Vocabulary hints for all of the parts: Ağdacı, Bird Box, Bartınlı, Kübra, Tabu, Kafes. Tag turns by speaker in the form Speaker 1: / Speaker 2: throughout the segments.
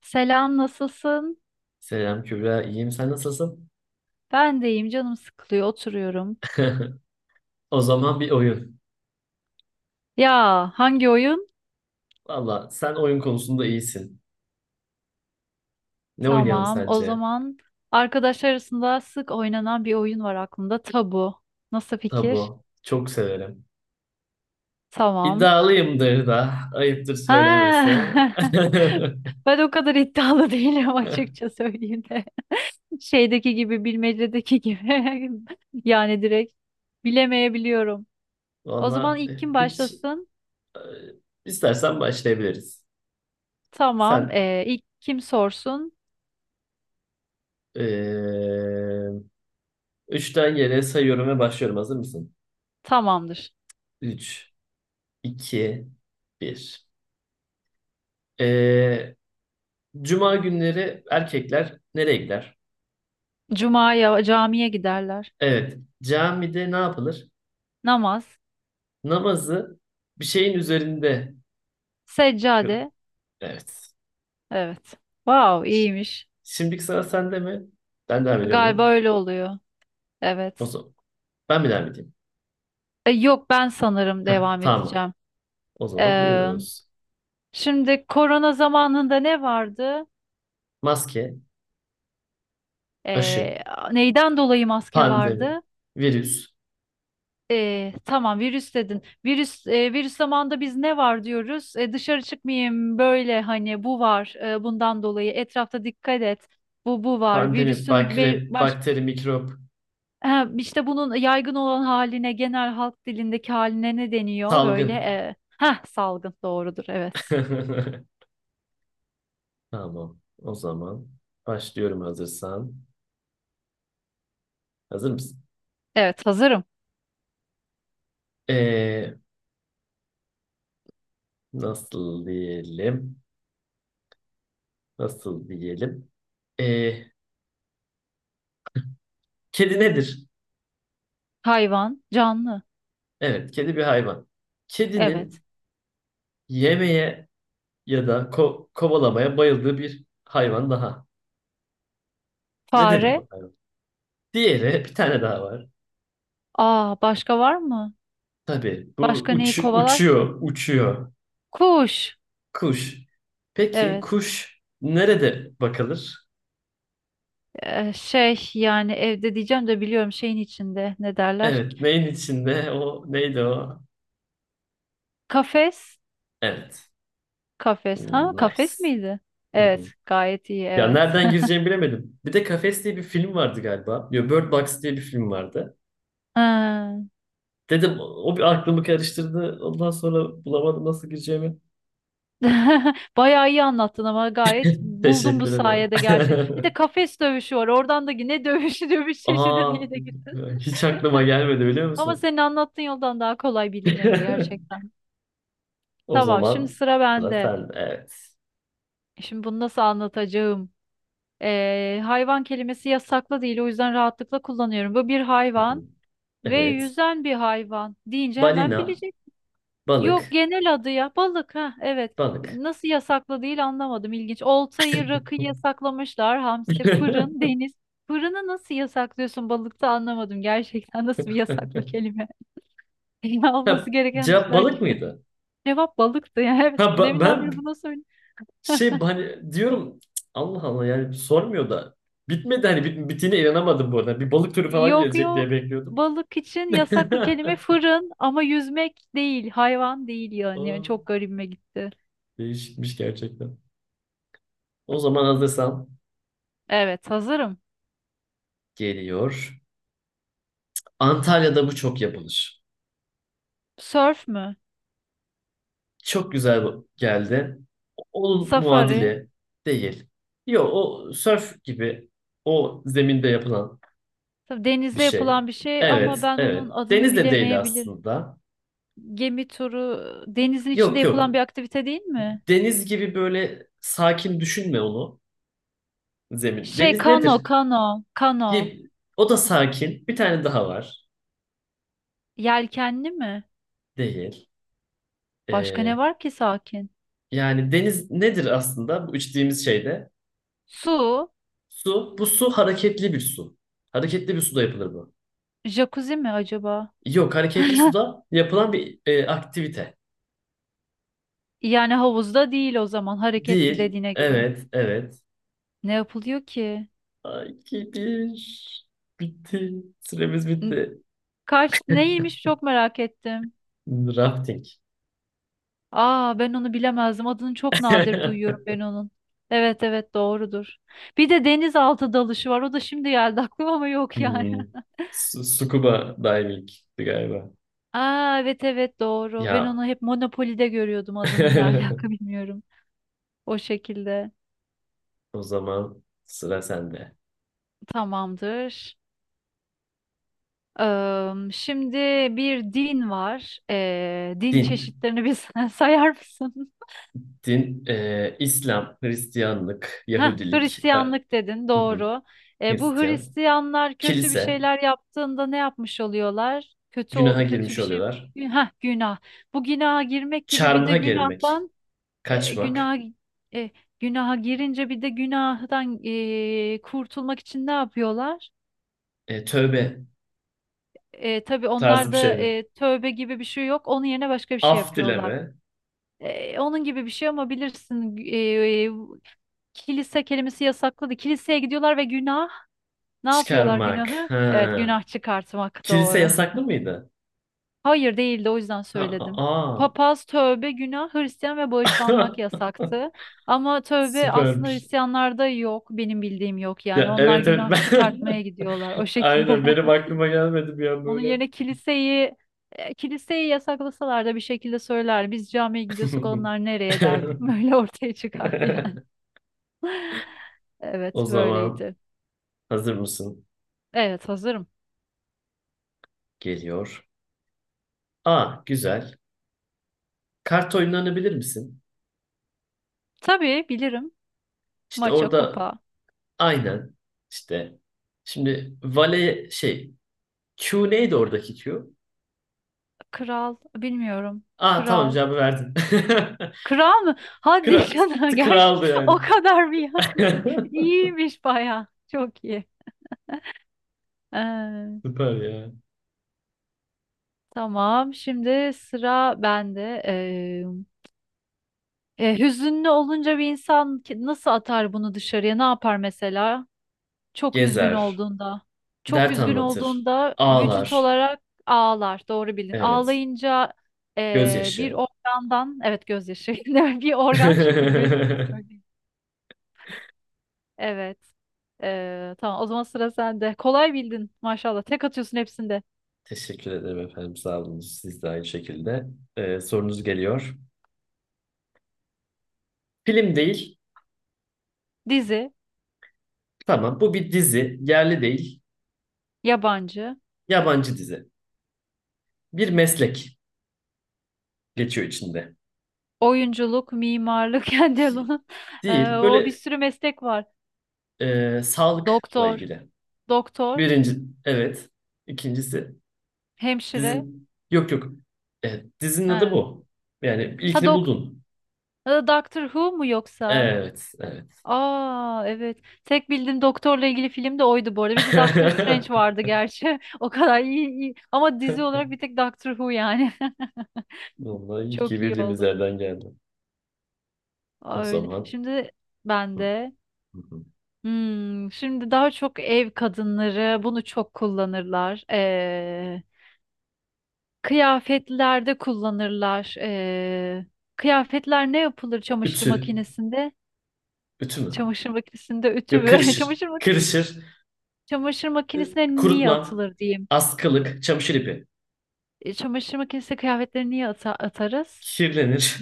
Speaker 1: Selam, nasılsın?
Speaker 2: Selam Kübra, iyiyim. Sen nasılsın?
Speaker 1: Ben de iyiyim, canım sıkılıyor, oturuyorum.
Speaker 2: O zaman bir oyun.
Speaker 1: Ya, hangi oyun?
Speaker 2: Valla sen oyun konusunda iyisin. Ne oynayalım
Speaker 1: Tamam, o
Speaker 2: sence?
Speaker 1: zaman arkadaşlar arasında sık oynanan bir oyun var aklımda, tabu. Nasıl fikir?
Speaker 2: Tabu. Çok severim.
Speaker 1: Tamam.
Speaker 2: İddialıyımdır da. Ayıptır söylemesi.
Speaker 1: Ha. Ben o kadar iddialı değilim açıkça söyleyeyim de. Şeydeki gibi, bilmecedeki gibi. Yani direkt bilemeyebiliyorum. O zaman
Speaker 2: Valla
Speaker 1: ilk kim
Speaker 2: hiç
Speaker 1: başlasın?
Speaker 2: e, istersen başlayabiliriz.
Speaker 1: Tamam,
Speaker 2: Sen
Speaker 1: ilk kim sorsun?
Speaker 2: e, üçten yere sayıyorum ve başlıyorum. Hazır mısın?
Speaker 1: Tamamdır.
Speaker 2: Üç, iki, bir. E, Cuma günleri erkekler nereye gider?
Speaker 1: Cuma'ya camiye giderler.
Speaker 2: Evet, camide ne yapılır?
Speaker 1: Namaz,
Speaker 2: Namazı bir şeyin üzerinde
Speaker 1: seccade.
Speaker 2: kıl. Evet.
Speaker 1: Evet. Wow, iyiymiş.
Speaker 2: Şimdiki sıra sende mi? Ben devam ediyor
Speaker 1: Galiba
Speaker 2: muyum?
Speaker 1: öyle oluyor.
Speaker 2: O
Speaker 1: Evet.
Speaker 2: zaman ben mi devam edeyim?
Speaker 1: Yok ben sanırım
Speaker 2: Heh,
Speaker 1: devam
Speaker 2: tamam.
Speaker 1: edeceğim.
Speaker 2: O zaman
Speaker 1: Ee,
Speaker 2: buyurunuz.
Speaker 1: şimdi korona zamanında ne vardı?
Speaker 2: Maske, aşı,
Speaker 1: Ee, neyden dolayı maske
Speaker 2: pandemi,
Speaker 1: vardı?
Speaker 2: virüs,
Speaker 1: Tamam virüs dedin. Virüs virüs zamanında biz ne var diyoruz? E, dışarı çıkmayayım böyle hani bu var bundan dolayı etrafta dikkat et. Bu var.
Speaker 2: pandemi,
Speaker 1: Virüsün
Speaker 2: bakre,
Speaker 1: baş.
Speaker 2: bakteri, mikrop,
Speaker 1: Ha, işte bunun yaygın olan haline, genel halk dilindeki haline ne deniyor? Böyle
Speaker 2: salgın.
Speaker 1: salgın doğrudur, evet.
Speaker 2: Tamam. O zaman başlıyorum hazırsan. Hazır mısın?
Speaker 1: Evet, hazırım.
Speaker 2: Ee, nasıl diyelim? Nasıl diyelim? Ee, Kedi nedir?
Speaker 1: Hayvan, canlı.
Speaker 2: Evet, kedi bir hayvan.
Speaker 1: Evet.
Speaker 2: Kedinin yemeye ya da kovalamaya bayıldığı bir hayvan daha. Nedir
Speaker 1: Fare.
Speaker 2: bu hayvan? Diğeri bir tane daha var.
Speaker 1: Aa, başka var mı?
Speaker 2: Tabii bu
Speaker 1: Başka neyi kovalar ki?
Speaker 2: uçuyor, uçuyor.
Speaker 1: Kuş.
Speaker 2: Kuş. Peki
Speaker 1: Evet.
Speaker 2: kuş nerede bakılır?
Speaker 1: E, şey yani evde diyeceğim de biliyorum şeyin içinde ne derler? Ki?
Speaker 2: Evet, neyin içinde? O neydi o?
Speaker 1: Kafes.
Speaker 2: Evet.
Speaker 1: Kafes. Ha, kafes
Speaker 2: Nice.
Speaker 1: miydi?
Speaker 2: Hı hı.
Speaker 1: Evet, gayet iyi,
Speaker 2: Ya
Speaker 1: evet.
Speaker 2: nereden gireceğimi bilemedim. Bir de Kafes diye bir film vardı galiba. Yo, Bird Box diye bir film vardı.
Speaker 1: Ha.
Speaker 2: Dedim o bir aklımı karıştırdı. Ondan sonra bulamadım nasıl gireceğimi.
Speaker 1: Bayağı iyi anlattın ama gayet buldum bu
Speaker 2: Teşekkür ederim.
Speaker 1: sayede gerçek. Bir de kafes dövüşü var. Oradan da ne dövüşü dövüş çeşidi
Speaker 2: Aa,
Speaker 1: diye de girdin.
Speaker 2: hiç aklıma gelmedi biliyor
Speaker 1: Ama
Speaker 2: musun?
Speaker 1: senin anlattığın yoldan daha kolay bilinirdi gerçekten.
Speaker 2: O
Speaker 1: Tamam, şimdi
Speaker 2: zaman
Speaker 1: sıra
Speaker 2: sıra
Speaker 1: bende.
Speaker 2: sende. Evet.
Speaker 1: Şimdi bunu nasıl anlatacağım? Hayvan kelimesi yasaklı değil, o yüzden rahatlıkla kullanıyorum. Bu bir
Speaker 2: Hı hı.
Speaker 1: hayvan ve
Speaker 2: Evet.
Speaker 1: yüzen bir hayvan deyince hemen
Speaker 2: Balina,
Speaker 1: bileceksin. Yok,
Speaker 2: balık,
Speaker 1: genel adı ya. Balık, ha evet.
Speaker 2: balık.
Speaker 1: Nasıl yasaklı değil anlamadım, ilginç. Oltayı, rakıyı yasaklamışlar. Hamsi, fırın, deniz. Fırını nasıl yasaklıyorsun balıkta anlamadım gerçekten nasıl bir yasaklı kelime.
Speaker 2: Ha,
Speaker 1: Olması gereken
Speaker 2: cevap
Speaker 1: dışlar.
Speaker 2: balık mıydı?
Speaker 1: Cevap balıktı ya. Evet,
Speaker 2: Ha, ben
Speaker 1: deminden beri bunu söyle.
Speaker 2: şey hani diyorum "Cık, Allah Allah yani sormuyor da bitmedi hani bittiğine inanamadım bu arada. Bir balık türü falan
Speaker 1: Yok
Speaker 2: gelecek diye
Speaker 1: yok.
Speaker 2: bekliyordum.
Speaker 1: Balık için yasaklı kelime fırın ama yüzmek değil, hayvan değil yani.
Speaker 2: Aa,
Speaker 1: Yani çok garibime gitti.
Speaker 2: değişikmiş gerçekten. O zaman hazırsan
Speaker 1: Evet, hazırım.
Speaker 2: geliyor. Antalya'da bu çok yapılır.
Speaker 1: Surf mü?
Speaker 2: Çok güzel geldi. Onun
Speaker 1: Safari.
Speaker 2: muadili değil. Yok o sörf gibi o zeminde yapılan
Speaker 1: Tabii
Speaker 2: bir
Speaker 1: denizde
Speaker 2: şey.
Speaker 1: yapılan bir şey ama
Speaker 2: Evet,
Speaker 1: ben onun
Speaker 2: evet.
Speaker 1: adını
Speaker 2: Deniz de değil
Speaker 1: bilemeyebilir.
Speaker 2: aslında.
Speaker 1: Gemi turu denizin içinde
Speaker 2: Yok
Speaker 1: yapılan
Speaker 2: yok.
Speaker 1: bir aktivite değil mi?
Speaker 2: Deniz gibi böyle sakin düşünme onu zemin.
Speaker 1: Şey
Speaker 2: Deniz
Speaker 1: kano,
Speaker 2: nedir?
Speaker 1: kano, kano.
Speaker 2: Bir- O da sakin. Bir tane daha var.
Speaker 1: Yelkenli mi?
Speaker 2: Değil.
Speaker 1: Başka ne
Speaker 2: Ee,
Speaker 1: var ki sakin?
Speaker 2: Yani deniz nedir aslında bu içtiğimiz şeyde?
Speaker 1: Su,
Speaker 2: Su. Bu su hareketli bir su. Hareketli bir suda yapılır bu.
Speaker 1: jacuzzi mi acaba?
Speaker 2: Yok, hareketli suda yapılan bir aktivite.
Speaker 1: Yani havuzda değil o zaman hareketli
Speaker 2: Değil.
Speaker 1: dediğine göre.
Speaker 2: Evet, evet.
Speaker 1: Ne yapılıyor ki?
Speaker 2: Ay, ki bir. Bitti. Süremiz
Speaker 1: N-
Speaker 2: bitti.
Speaker 1: Kaç neymiş çok merak ettim.
Speaker 2: Rafting.
Speaker 1: Aa, ben onu bilemezdim. Adını çok nadir duyuyorum ben onun. Evet evet, doğrudur. Bir de denizaltı dalışı var. O da şimdi geldi aklıma ama yok yani.
Speaker 2: Hmm. Scuba diving galiba.
Speaker 1: Aa evet evet, doğru. Ben
Speaker 2: Ya.
Speaker 1: onu hep Monopoly'de görüyordum adını, ne alaka bilmiyorum. O şekilde.
Speaker 2: O zaman sıra sende.
Speaker 1: Tamamdır. Şimdi bir din var. Din
Speaker 2: Din.
Speaker 1: çeşitlerini bir sayar mısın?
Speaker 2: Din, İslam, Hristiyanlık,
Speaker 1: Heh,
Speaker 2: Yahudilik. E,
Speaker 1: Hristiyanlık dedin,
Speaker 2: hı hı.
Speaker 1: doğru. Bu
Speaker 2: Hristiyan.
Speaker 1: Hristiyanlar kötü bir
Speaker 2: Kilise,
Speaker 1: şeyler yaptığında ne yapmış oluyorlar?
Speaker 2: günaha
Speaker 1: Kötü
Speaker 2: girmiş
Speaker 1: bir şey.
Speaker 2: oluyorlar.
Speaker 1: Heh, günah. Bu günaha girmek gibi bir de
Speaker 2: Çarmıha gerilmek,
Speaker 1: günahtan e,
Speaker 2: kaçmak,
Speaker 1: günah e, günaha girince bir de günahdan kurtulmak için ne yapıyorlar?
Speaker 2: tövbe
Speaker 1: Tabii
Speaker 2: tarzı bir şey
Speaker 1: onlarda
Speaker 2: mi?
Speaker 1: tövbe gibi bir şey yok. Onun yerine başka bir şey
Speaker 2: Af dileme,
Speaker 1: yapıyorlar. E, onun gibi bir şey ama bilirsin, kilise kelimesi yasakladı. Kiliseye gidiyorlar ve günah. Ne yapıyorlar
Speaker 2: çıkarmak.
Speaker 1: günahı? Evet,
Speaker 2: Ha.
Speaker 1: günah çıkartmak,
Speaker 2: Kilise
Speaker 1: doğru.
Speaker 2: yasaklı mıydı?
Speaker 1: Hayır, değildi, o yüzden
Speaker 2: Ha,
Speaker 1: söyledim.
Speaker 2: aa.
Speaker 1: Papaz, tövbe, günah, Hristiyan ve bağışlanmak yasaktı. Ama tövbe aslında
Speaker 2: Süpermiş.
Speaker 1: Hristiyanlarda yok. Benim bildiğim yok yani.
Speaker 2: Ya,
Speaker 1: Onlar
Speaker 2: evet evet
Speaker 1: günah
Speaker 2: ben...
Speaker 1: çıkartmaya gidiyorlar, o şekilde.
Speaker 2: Aynen benim aklıma gelmedi bir an
Speaker 1: Onun
Speaker 2: böyle.
Speaker 1: yerine kiliseyi kiliseyi yasaklasalar da bir şekilde söyler. Biz camiye gidiyorsak onlar nereye derdim. Böyle ortaya çıkardı yani.
Speaker 2: O
Speaker 1: Evet,
Speaker 2: zaman
Speaker 1: böyleydi.
Speaker 2: hazır mısın?
Speaker 1: Evet, hazırım.
Speaker 2: Geliyor. Aa güzel. Kart oyunlarını bilir misin?
Speaker 1: Tabii bilirim.
Speaker 2: İşte
Speaker 1: Maça,
Speaker 2: orada
Speaker 1: kupa.
Speaker 2: aynen işte. Şimdi vale şey Q neydi oradaki Q?
Speaker 1: Kral, bilmiyorum.
Speaker 2: Aa tamam
Speaker 1: Kral.
Speaker 2: cevabı verdin.
Speaker 1: Kral mı? Hadi
Speaker 2: Kral,
Speaker 1: canım, gerçi
Speaker 2: kraldı yani.
Speaker 1: o kadar bir yan. İyiymiş baya. Çok iyi. Ee,
Speaker 2: Süper ya.
Speaker 1: tamam şimdi sıra bende. Hüzünlü olunca bir insan nasıl atar bunu dışarıya? Ne yapar mesela? Çok üzgün
Speaker 2: Gezer,
Speaker 1: olduğunda. Çok
Speaker 2: dert
Speaker 1: üzgün
Speaker 2: anlatır,
Speaker 1: olduğunda vücut
Speaker 2: ağlar.
Speaker 1: olarak ağlar. Doğru bildin.
Speaker 2: Evet.
Speaker 1: Ağlayınca bir
Speaker 2: Gözyaşı.
Speaker 1: organdan, evet, gözyaşı. Bir organ çünkü gözüne söyleyeyim. Evet. Tamam o zaman sıra sende. Kolay bildin maşallah. Tek atıyorsun hepsinde.
Speaker 2: Teşekkür ederim efendim. Sağ olun. Siz de aynı şekilde. Sorunuz geliyor. Film değil.
Speaker 1: Dizi,
Speaker 2: Tamam. Bu bir dizi. Yerli değil.
Speaker 1: yabancı,
Speaker 2: Yabancı dizi. Bir meslek geçiyor içinde.
Speaker 1: oyunculuk, mimarlık, Kendall'ın. Ee,
Speaker 2: Değil.
Speaker 1: o bir
Speaker 2: Böyle
Speaker 1: sürü meslek var.
Speaker 2: sağlıkla
Speaker 1: Doktor,
Speaker 2: ilgili.
Speaker 1: doktor,
Speaker 2: Birinci, evet. İkincisi
Speaker 1: hemşire.
Speaker 2: dizin yok yok. Evet, dizinin adı
Speaker 1: Ha,
Speaker 2: bu. Yani
Speaker 1: ha
Speaker 2: ilkini
Speaker 1: dok
Speaker 2: buldun.
Speaker 1: ha, Doctor Who mu yoksa?
Speaker 2: Evet, evet.
Speaker 1: Aa evet. Tek bildiğim doktorla ilgili film de oydu bu arada. Bir de Doctor Strange vardı gerçi. O kadar iyi, iyi. Ama dizi olarak bir tek Doctor Who yani.
Speaker 2: Vallahi iyi ki
Speaker 1: Çok iyi
Speaker 2: bildiğimiz
Speaker 1: oldu.
Speaker 2: yerden geldi. O
Speaker 1: Öyle.
Speaker 2: zaman
Speaker 1: Şimdi ben
Speaker 2: hı,
Speaker 1: de.
Speaker 2: hı, hı.
Speaker 1: Hmm, şimdi daha çok ev kadınları bunu çok kullanırlar. Kıyafetlerde kullanırlar. Kıyafetler ne yapılır çamaşır
Speaker 2: Ütü.
Speaker 1: makinesinde?
Speaker 2: Ütü mü?
Speaker 1: Çamaşır makinesinde ütü
Speaker 2: Yok
Speaker 1: mü?
Speaker 2: kırışır.
Speaker 1: Çamaşır makinesi,
Speaker 2: Kırışır.
Speaker 1: çamaşır
Speaker 2: Ee,
Speaker 1: makinesine niye
Speaker 2: Kurutma.
Speaker 1: atılır diyeyim. E,
Speaker 2: Askılık. Çamaşır ipi.
Speaker 1: çamaşır makinesine kıyafetleri niye atarız?
Speaker 2: Kirlenir.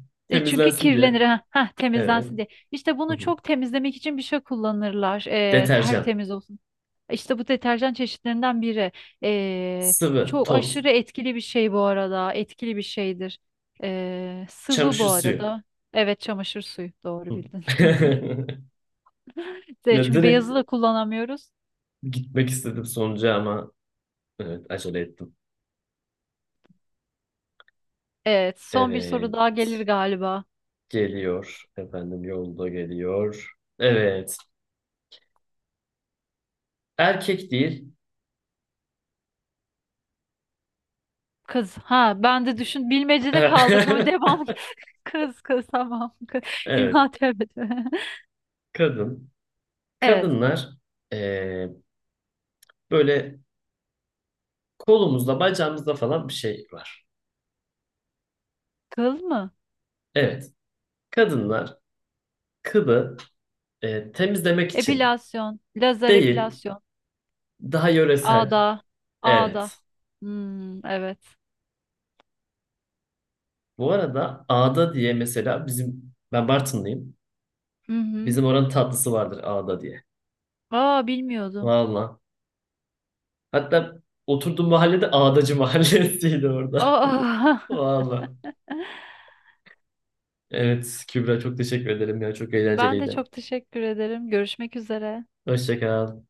Speaker 1: E, çünkü
Speaker 2: Temizlensin
Speaker 1: kirlenir.
Speaker 2: diye. Evet.
Speaker 1: Temizlensin diye. İşte
Speaker 2: Hı
Speaker 1: bunu
Speaker 2: hı.
Speaker 1: çok temizlemek için bir şey kullanırlar. E,
Speaker 2: Deterjan.
Speaker 1: tertemiz olsun. İşte bu deterjan çeşitlerinden biri. Ee,
Speaker 2: Sıvı.
Speaker 1: çok
Speaker 2: Toz.
Speaker 1: aşırı etkili bir şey bu arada. Etkili bir şeydir. Sıvı bu
Speaker 2: Çamaşır suyu.
Speaker 1: arada. Evet, çamaşır suyu. Doğru
Speaker 2: Hı.
Speaker 1: bildin. De,
Speaker 2: Ya
Speaker 1: çünkü beyazı
Speaker 2: direkt
Speaker 1: da kullanamıyoruz.
Speaker 2: gitmek istedim sonuca ama evet acele ettim.
Speaker 1: Evet, son bir soru
Speaker 2: Evet
Speaker 1: daha gelir galiba.
Speaker 2: geliyor. Efendim yolda geliyor. Evet. Erkek değil.
Speaker 1: Kız, ha ben de düşün, bilmecede kaldık ama devam. Kız tamam, kız.
Speaker 2: Evet.
Speaker 1: Ya, tövbe.
Speaker 2: Kadın.
Speaker 1: Evet,
Speaker 2: Kadınlar eee, böyle kolumuzda bacağımızda falan bir şey var.
Speaker 1: kıl mı?
Speaker 2: Evet. Kadınlar kılı temizlemek için
Speaker 1: Epilasyon, lazer
Speaker 2: değil.
Speaker 1: epilasyon,
Speaker 2: Daha yöresel.
Speaker 1: ağda,
Speaker 2: Evet.
Speaker 1: ağda. Hmm, evet.
Speaker 2: Bu arada ağda diye mesela bizim ben Bartınlıyım.
Speaker 1: Hı hı.
Speaker 2: Bizim oranın tatlısı vardır ağda diye.
Speaker 1: Aa, bilmiyordum.
Speaker 2: Valla. Hatta oturduğum mahallede Ağdacı Mahallesi'ydi orada.
Speaker 1: Aa,
Speaker 2: Valla. Evet Kübra çok teşekkür ederim ya. Çok
Speaker 1: ben de
Speaker 2: eğlenceliydi.
Speaker 1: çok teşekkür ederim. Görüşmek üzere.
Speaker 2: Hoşça kal.